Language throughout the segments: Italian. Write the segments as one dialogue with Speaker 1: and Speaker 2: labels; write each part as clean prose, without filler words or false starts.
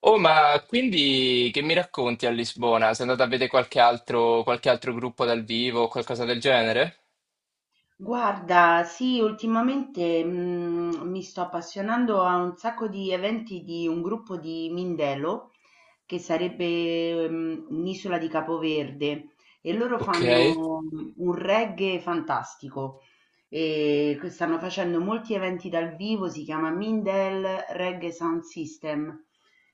Speaker 1: Oh, ma quindi che mi racconti a Lisbona? Sei andato a vedere qualche altro gruppo dal vivo o qualcosa del genere?
Speaker 2: Guarda, sì, ultimamente mi sto appassionando a un sacco di eventi di un gruppo di Mindelo, che sarebbe un'isola di Capoverde, e loro
Speaker 1: Ok,
Speaker 2: fanno un reggae fantastico e stanno facendo molti eventi dal vivo, si chiama Mindel Reggae Sound System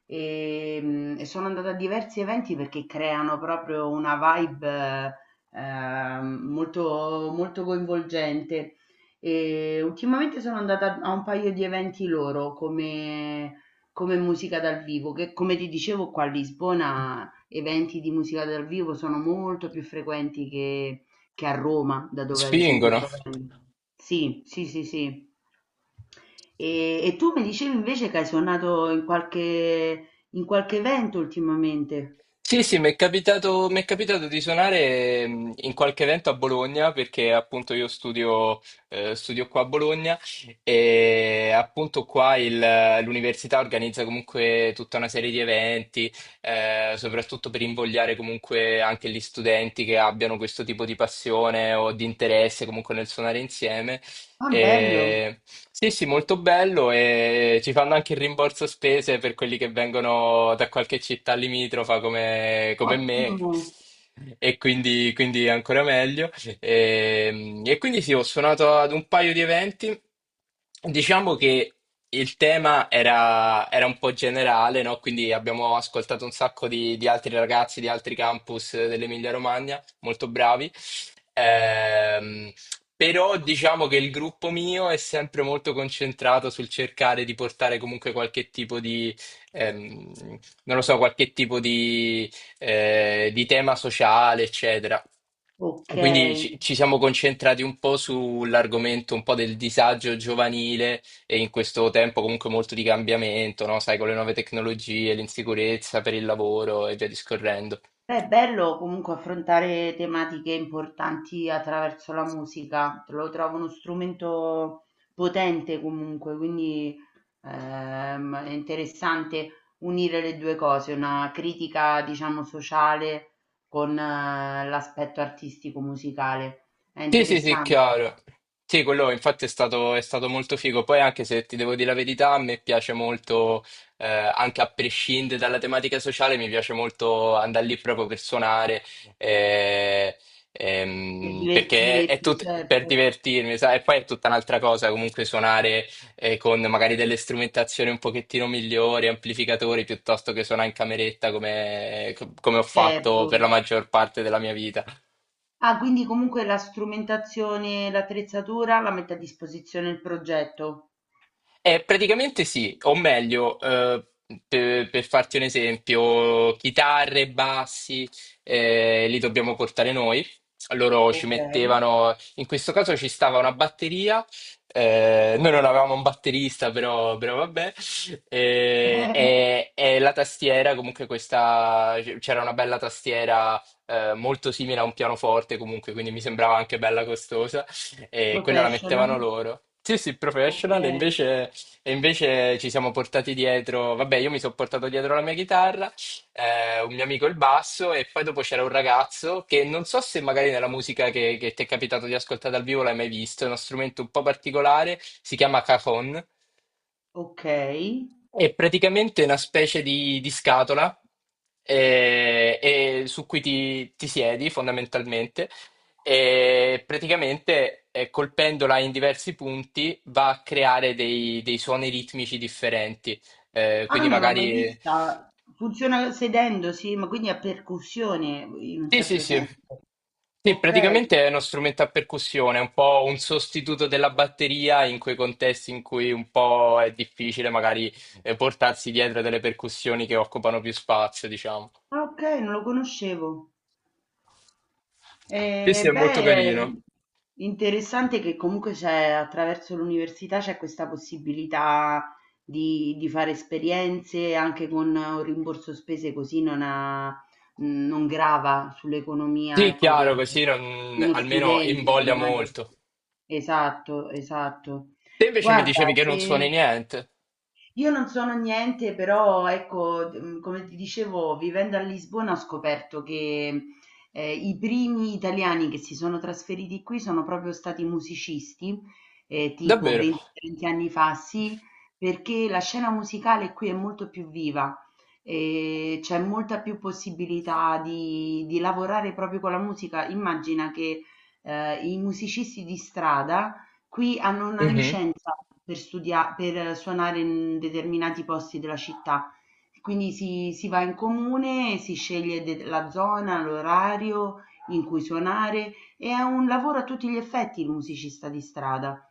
Speaker 2: e, e sono andata a diversi eventi perché creano proprio una vibe molto, molto coinvolgente. E ultimamente sono andata a un paio di eventi loro come, come musica dal vivo, che come ti dicevo qua a Lisbona eventi di musica dal vivo sono molto più frequenti che a Roma, da dove ad esempio
Speaker 1: spingono.
Speaker 2: provengo. Sì, sì, sì, sì. E tu mi dicevi invece che hai suonato in qualche evento ultimamente.
Speaker 1: Sì, sì, mi è capitato di suonare in qualche evento a Bologna perché appunto io studio, studio qua a Bologna e appunto l'università organizza comunque tutta una serie di eventi, soprattutto per invogliare comunque anche gli studenti che abbiano questo tipo di passione o di interesse comunque nel suonare insieme
Speaker 2: Ah, bello,
Speaker 1: e- Sì, sì, molto bello e ci fanno anche il rimborso spese per quelli che vengono da qualche città limitrofa come me
Speaker 2: ottimo.
Speaker 1: e quindi è ancora meglio. E quindi sì, ho suonato ad un paio di eventi. Diciamo che era un po' generale, no? Quindi abbiamo ascoltato un sacco di altri ragazzi di altri campus dell'Emilia Romagna, molto bravi. Ehm, Però diciamo che il gruppo mio è sempre molto concentrato sul cercare di portare comunque qualche tipo di, ehm, non lo so, qualche tipo di tema sociale, eccetera.
Speaker 2: Ok.
Speaker 1: Quindi ci siamo concentrati un po' sull'argomento un po' del disagio giovanile e in questo tempo comunque molto di cambiamento, no? Sai, con le nuove tecnologie, l'insicurezza per il lavoro e via discorrendo.
Speaker 2: Beh, è bello comunque affrontare tematiche importanti attraverso la musica, lo trovo uno strumento potente comunque, quindi è interessante unire le due cose, una critica diciamo sociale con l'aspetto artistico musicale. È
Speaker 1: Sì, sì, sì,
Speaker 2: interessante
Speaker 1: chiaro. Sì, quello infatti è stato molto figo. Poi anche se ti devo dire la verità, a me piace molto, anche a prescindere dalla tematica sociale, mi piace molto andare lì proprio per suonare, eh,
Speaker 2: per
Speaker 1: perché è
Speaker 2: divertirti,
Speaker 1: tutto per
Speaker 2: certo,
Speaker 1: divertirmi, sai? E poi è tutta un'altra cosa comunque suonare, con magari delle strumentazioni un pochettino migliori, amplificatori, piuttosto che suonare in cameretta come ho fatto per la
Speaker 2: certo.
Speaker 1: maggior parte della mia vita.
Speaker 2: Ah, quindi comunque la strumentazione, l'attrezzatura la mette a disposizione il progetto.
Speaker 1: Praticamente sì, o meglio, per farti un esempio, chitarre, bassi, li dobbiamo portare noi. Loro ci
Speaker 2: Ok.
Speaker 1: mettevano, in questo caso ci stava una batteria, noi non avevamo un batterista, però vabbè, e la tastiera, comunque questa, c'era una bella tastiera, molto simile a un pianoforte comunque, quindi mi sembrava anche bella costosa e quella la
Speaker 2: Professional,
Speaker 1: mettevano loro. Sì, sì,
Speaker 2: ok,
Speaker 1: professional, invece e invece ci siamo portati dietro, vabbè, io mi sono portato dietro la mia chitarra, un mio amico il basso, e poi dopo c'era un ragazzo che non so se magari nella che ti è capitato di ascoltare dal vivo l'hai mai visto, è uno strumento un po' particolare, si chiama cajon,
Speaker 2: ok.
Speaker 1: è praticamente una specie di scatola e su ti siedi fondamentalmente e praticamente colpendola in diversi punti va a creare dei suoni ritmici differenti.
Speaker 2: Ah,
Speaker 1: Quindi
Speaker 2: non l'ho mai
Speaker 1: magari
Speaker 2: vista. Funziona sedendo, sì, ma quindi a percussione in un
Speaker 1: Sì, sì,
Speaker 2: certo
Speaker 1: sì.
Speaker 2: senso.
Speaker 1: Sì,
Speaker 2: Ok, ah,
Speaker 1: praticamente è uno strumento a percussione, è un po' un sostituto della batteria in quei contesti in cui un po' è difficile magari portarsi dietro delle percussioni che occupano più spazio, diciamo.
Speaker 2: ok, non lo conoscevo.
Speaker 1: Sì, sì, è
Speaker 2: Beh,
Speaker 1: molto
Speaker 2: è
Speaker 1: carino.
Speaker 2: interessante che comunque c'è attraverso l'università c'è questa possibilità di fare esperienze anche con un rimborso spese così non, non grava sull'economia,
Speaker 1: Sì,
Speaker 2: ecco,
Speaker 1: chiaro, così
Speaker 2: di
Speaker 1: non-
Speaker 2: uno
Speaker 1: almeno
Speaker 2: studente che
Speaker 1: invoglia
Speaker 2: immagino.
Speaker 1: molto.
Speaker 2: Esatto, esatto.
Speaker 1: Te invece mi
Speaker 2: Guarda,
Speaker 1: dicevi che non suoni
Speaker 2: se...
Speaker 1: niente.
Speaker 2: Io non sono niente, però ecco, come ti dicevo, vivendo a Lisbona ho scoperto che, i primi italiani che si sono trasferiti qui sono proprio stati musicisti, tipo
Speaker 1: Davvero?
Speaker 2: 20, 30 anni fa, sì, perché la scena musicale qui è molto più viva, c'è molta più possibilità di lavorare proprio con la musica. Immagina che, i musicisti di strada qui hanno una
Speaker 1: Mhm.
Speaker 2: licenza per studia per suonare in determinati posti della città, quindi si va in comune, si sceglie de la zona, l'orario in cui suonare. E È un lavoro a tutti gli effetti il musicista di strada.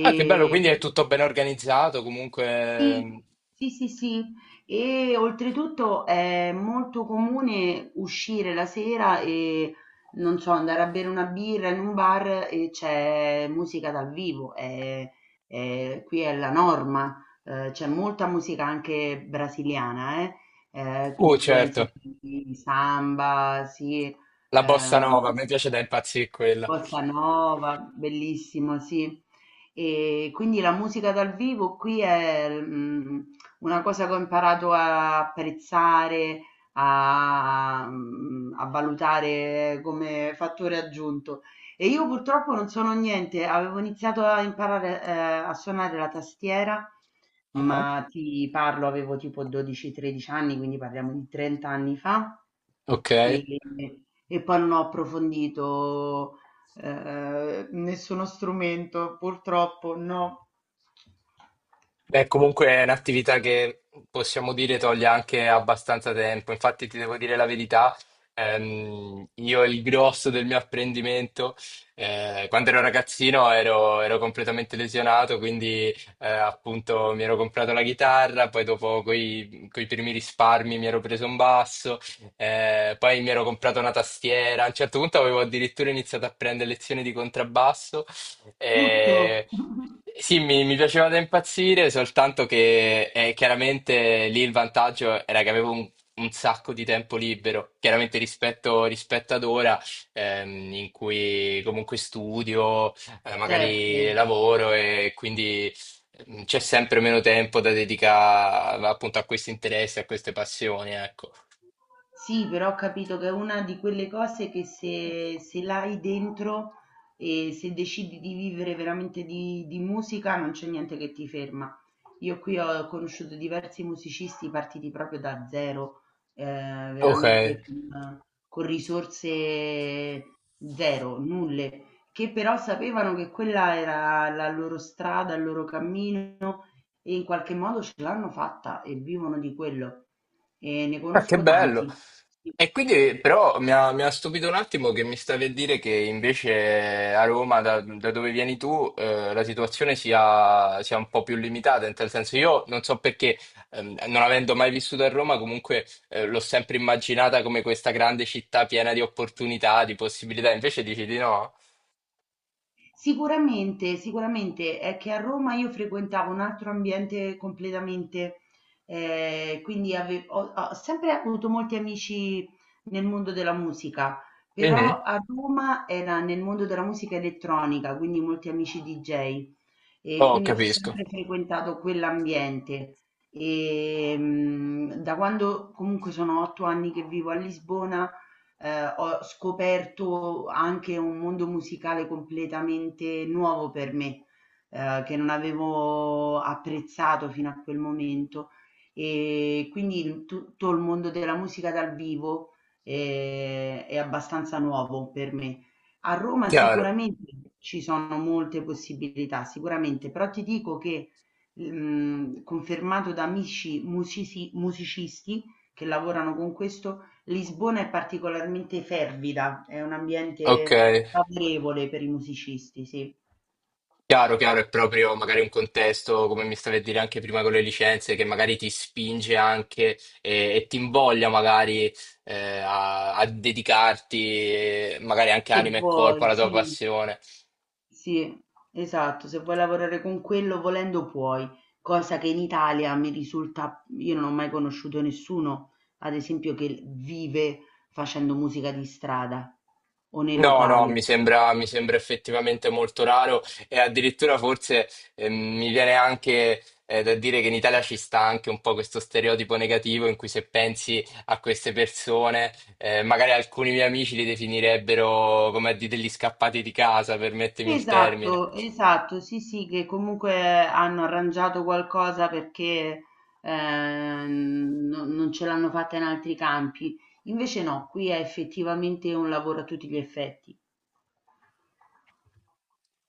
Speaker 1: Ah, che bello, quindi è tutto ben organizzato, comunque...
Speaker 2: sì, sì, sì. E oltretutto è molto comune uscire la sera e non so, andare a bere una birra in un bar e c'è musica dal vivo. Qui è la norma. C'è molta musica anche brasiliana, eh?
Speaker 1: Oh,
Speaker 2: L'influenza
Speaker 1: certo,
Speaker 2: di samba, sì.
Speaker 1: la bossa
Speaker 2: ehm,
Speaker 1: nova, mi piace da impazzire quella.
Speaker 2: Bossa nova, bellissimo, sì. E quindi la musica dal vivo qui è una cosa che ho imparato a apprezzare, a, a valutare come fattore aggiunto. E io purtroppo non sono niente, avevo iniziato a imparare a suonare la tastiera,
Speaker 1: Ah.
Speaker 2: ma ti parlo, avevo tipo 12-13 anni, quindi parliamo di 30 anni fa.
Speaker 1: Ok.
Speaker 2: E, e poi non ho approfondito nessuno strumento, purtroppo no.
Speaker 1: Beh, comunque è un'attività che possiamo dire toglie anche abbastanza tempo. Infatti, ti devo dire la verità, io il grosso del mio apprendimento, quando ero ragazzino ero completamente lesionato, quindi appunto mi ero comprato la chitarra, poi dopo coi primi risparmi mi ero preso un basso, poi mi ero comprato una tastiera. A un certo punto avevo addirittura iniziato a prendere lezioni di contrabbasso.
Speaker 2: Tutto,
Speaker 1: Eh, sì, mi piaceva da impazzire, soltanto che chiaramente lì il vantaggio era che avevo un sacco di tempo libero, chiaramente rispetto ad ora, in cui comunque studio, magari
Speaker 2: certo.
Speaker 1: lavoro e quindi c'è sempre meno tempo da dedicare appunto a questi interessi, a queste passioni, ecco.
Speaker 2: Sì, però ho capito che è una di quelle cose che se, se l'hai dentro e se decidi di vivere veramente di musica non c'è niente che ti ferma. Io qui ho conosciuto diversi musicisti partiti proprio da zero,
Speaker 1: Ok,
Speaker 2: veramente con risorse zero, nulle, che però sapevano che quella era la loro strada, il loro cammino e in qualche modo ce l'hanno fatta e vivono di quello e ne
Speaker 1: ah, che
Speaker 2: conosco
Speaker 1: bello.
Speaker 2: tanti. Sì.
Speaker 1: E quindi però mi ha stupito un attimo che mi stavi a dire che invece a Roma, da dove vieni tu, la situazione sia un po' più limitata, in tal senso io non so perché, non avendo mai vissuto a Roma, comunque l'ho sempre immaginata come questa grande città piena di opportunità, di possibilità, invece dici di no?
Speaker 2: Sicuramente, sicuramente è che a Roma io frequentavo un altro ambiente completamente, quindi ave ho sempre avuto molti amici nel mondo della musica,
Speaker 1: Mhm.
Speaker 2: però a Roma era nel mondo della musica elettronica, quindi molti amici DJ e
Speaker 1: Oh,
Speaker 2: quindi ho
Speaker 1: capisco.
Speaker 2: sempre frequentato quell'ambiente. Da quando comunque sono 8 anni che vivo a Lisbona, ho scoperto anche un mondo musicale completamente nuovo per me, che non avevo apprezzato fino a quel momento. E quindi tutto il mondo della musica dal vivo è abbastanza nuovo per me. A Roma
Speaker 1: Chiaro.
Speaker 2: sicuramente ci sono molte possibilità, sicuramente, però ti dico che confermato da amici musicisti che lavorano con questo, Lisbona è particolarmente fervida, è un
Speaker 1: Ok.
Speaker 2: ambiente favorevole per i musicisti, sì.
Speaker 1: Chiaro, chiaro, è proprio magari un contesto, come mi stavi a dire anche prima con le licenze, che magari ti spinge anche ti invoglia magari a dedicarti magari anche
Speaker 2: Se
Speaker 1: anima e corpo
Speaker 2: vuoi,
Speaker 1: alla tua
Speaker 2: sì,
Speaker 1: passione.
Speaker 2: sì, esatto, se vuoi lavorare con quello volendo puoi, cosa che in Italia mi risulta, io non ho mai conosciuto nessuno, ad esempio, che vive facendo musica di strada o nei
Speaker 1: No, no,
Speaker 2: locali.
Speaker 1: mi sembra effettivamente molto raro e addirittura forse mi viene anche da dire che in Italia ci sta anche un po' questo stereotipo negativo in cui se pensi a queste persone, magari alcuni miei amici li definirebbero come a dire, degli scappati di casa, permettimi il termine.
Speaker 2: Esatto, esatto, sì, sì, che comunque hanno arrangiato qualcosa perché non ce l'hanno fatta in altri campi. Invece no, qui è effettivamente un lavoro a tutti gli effetti.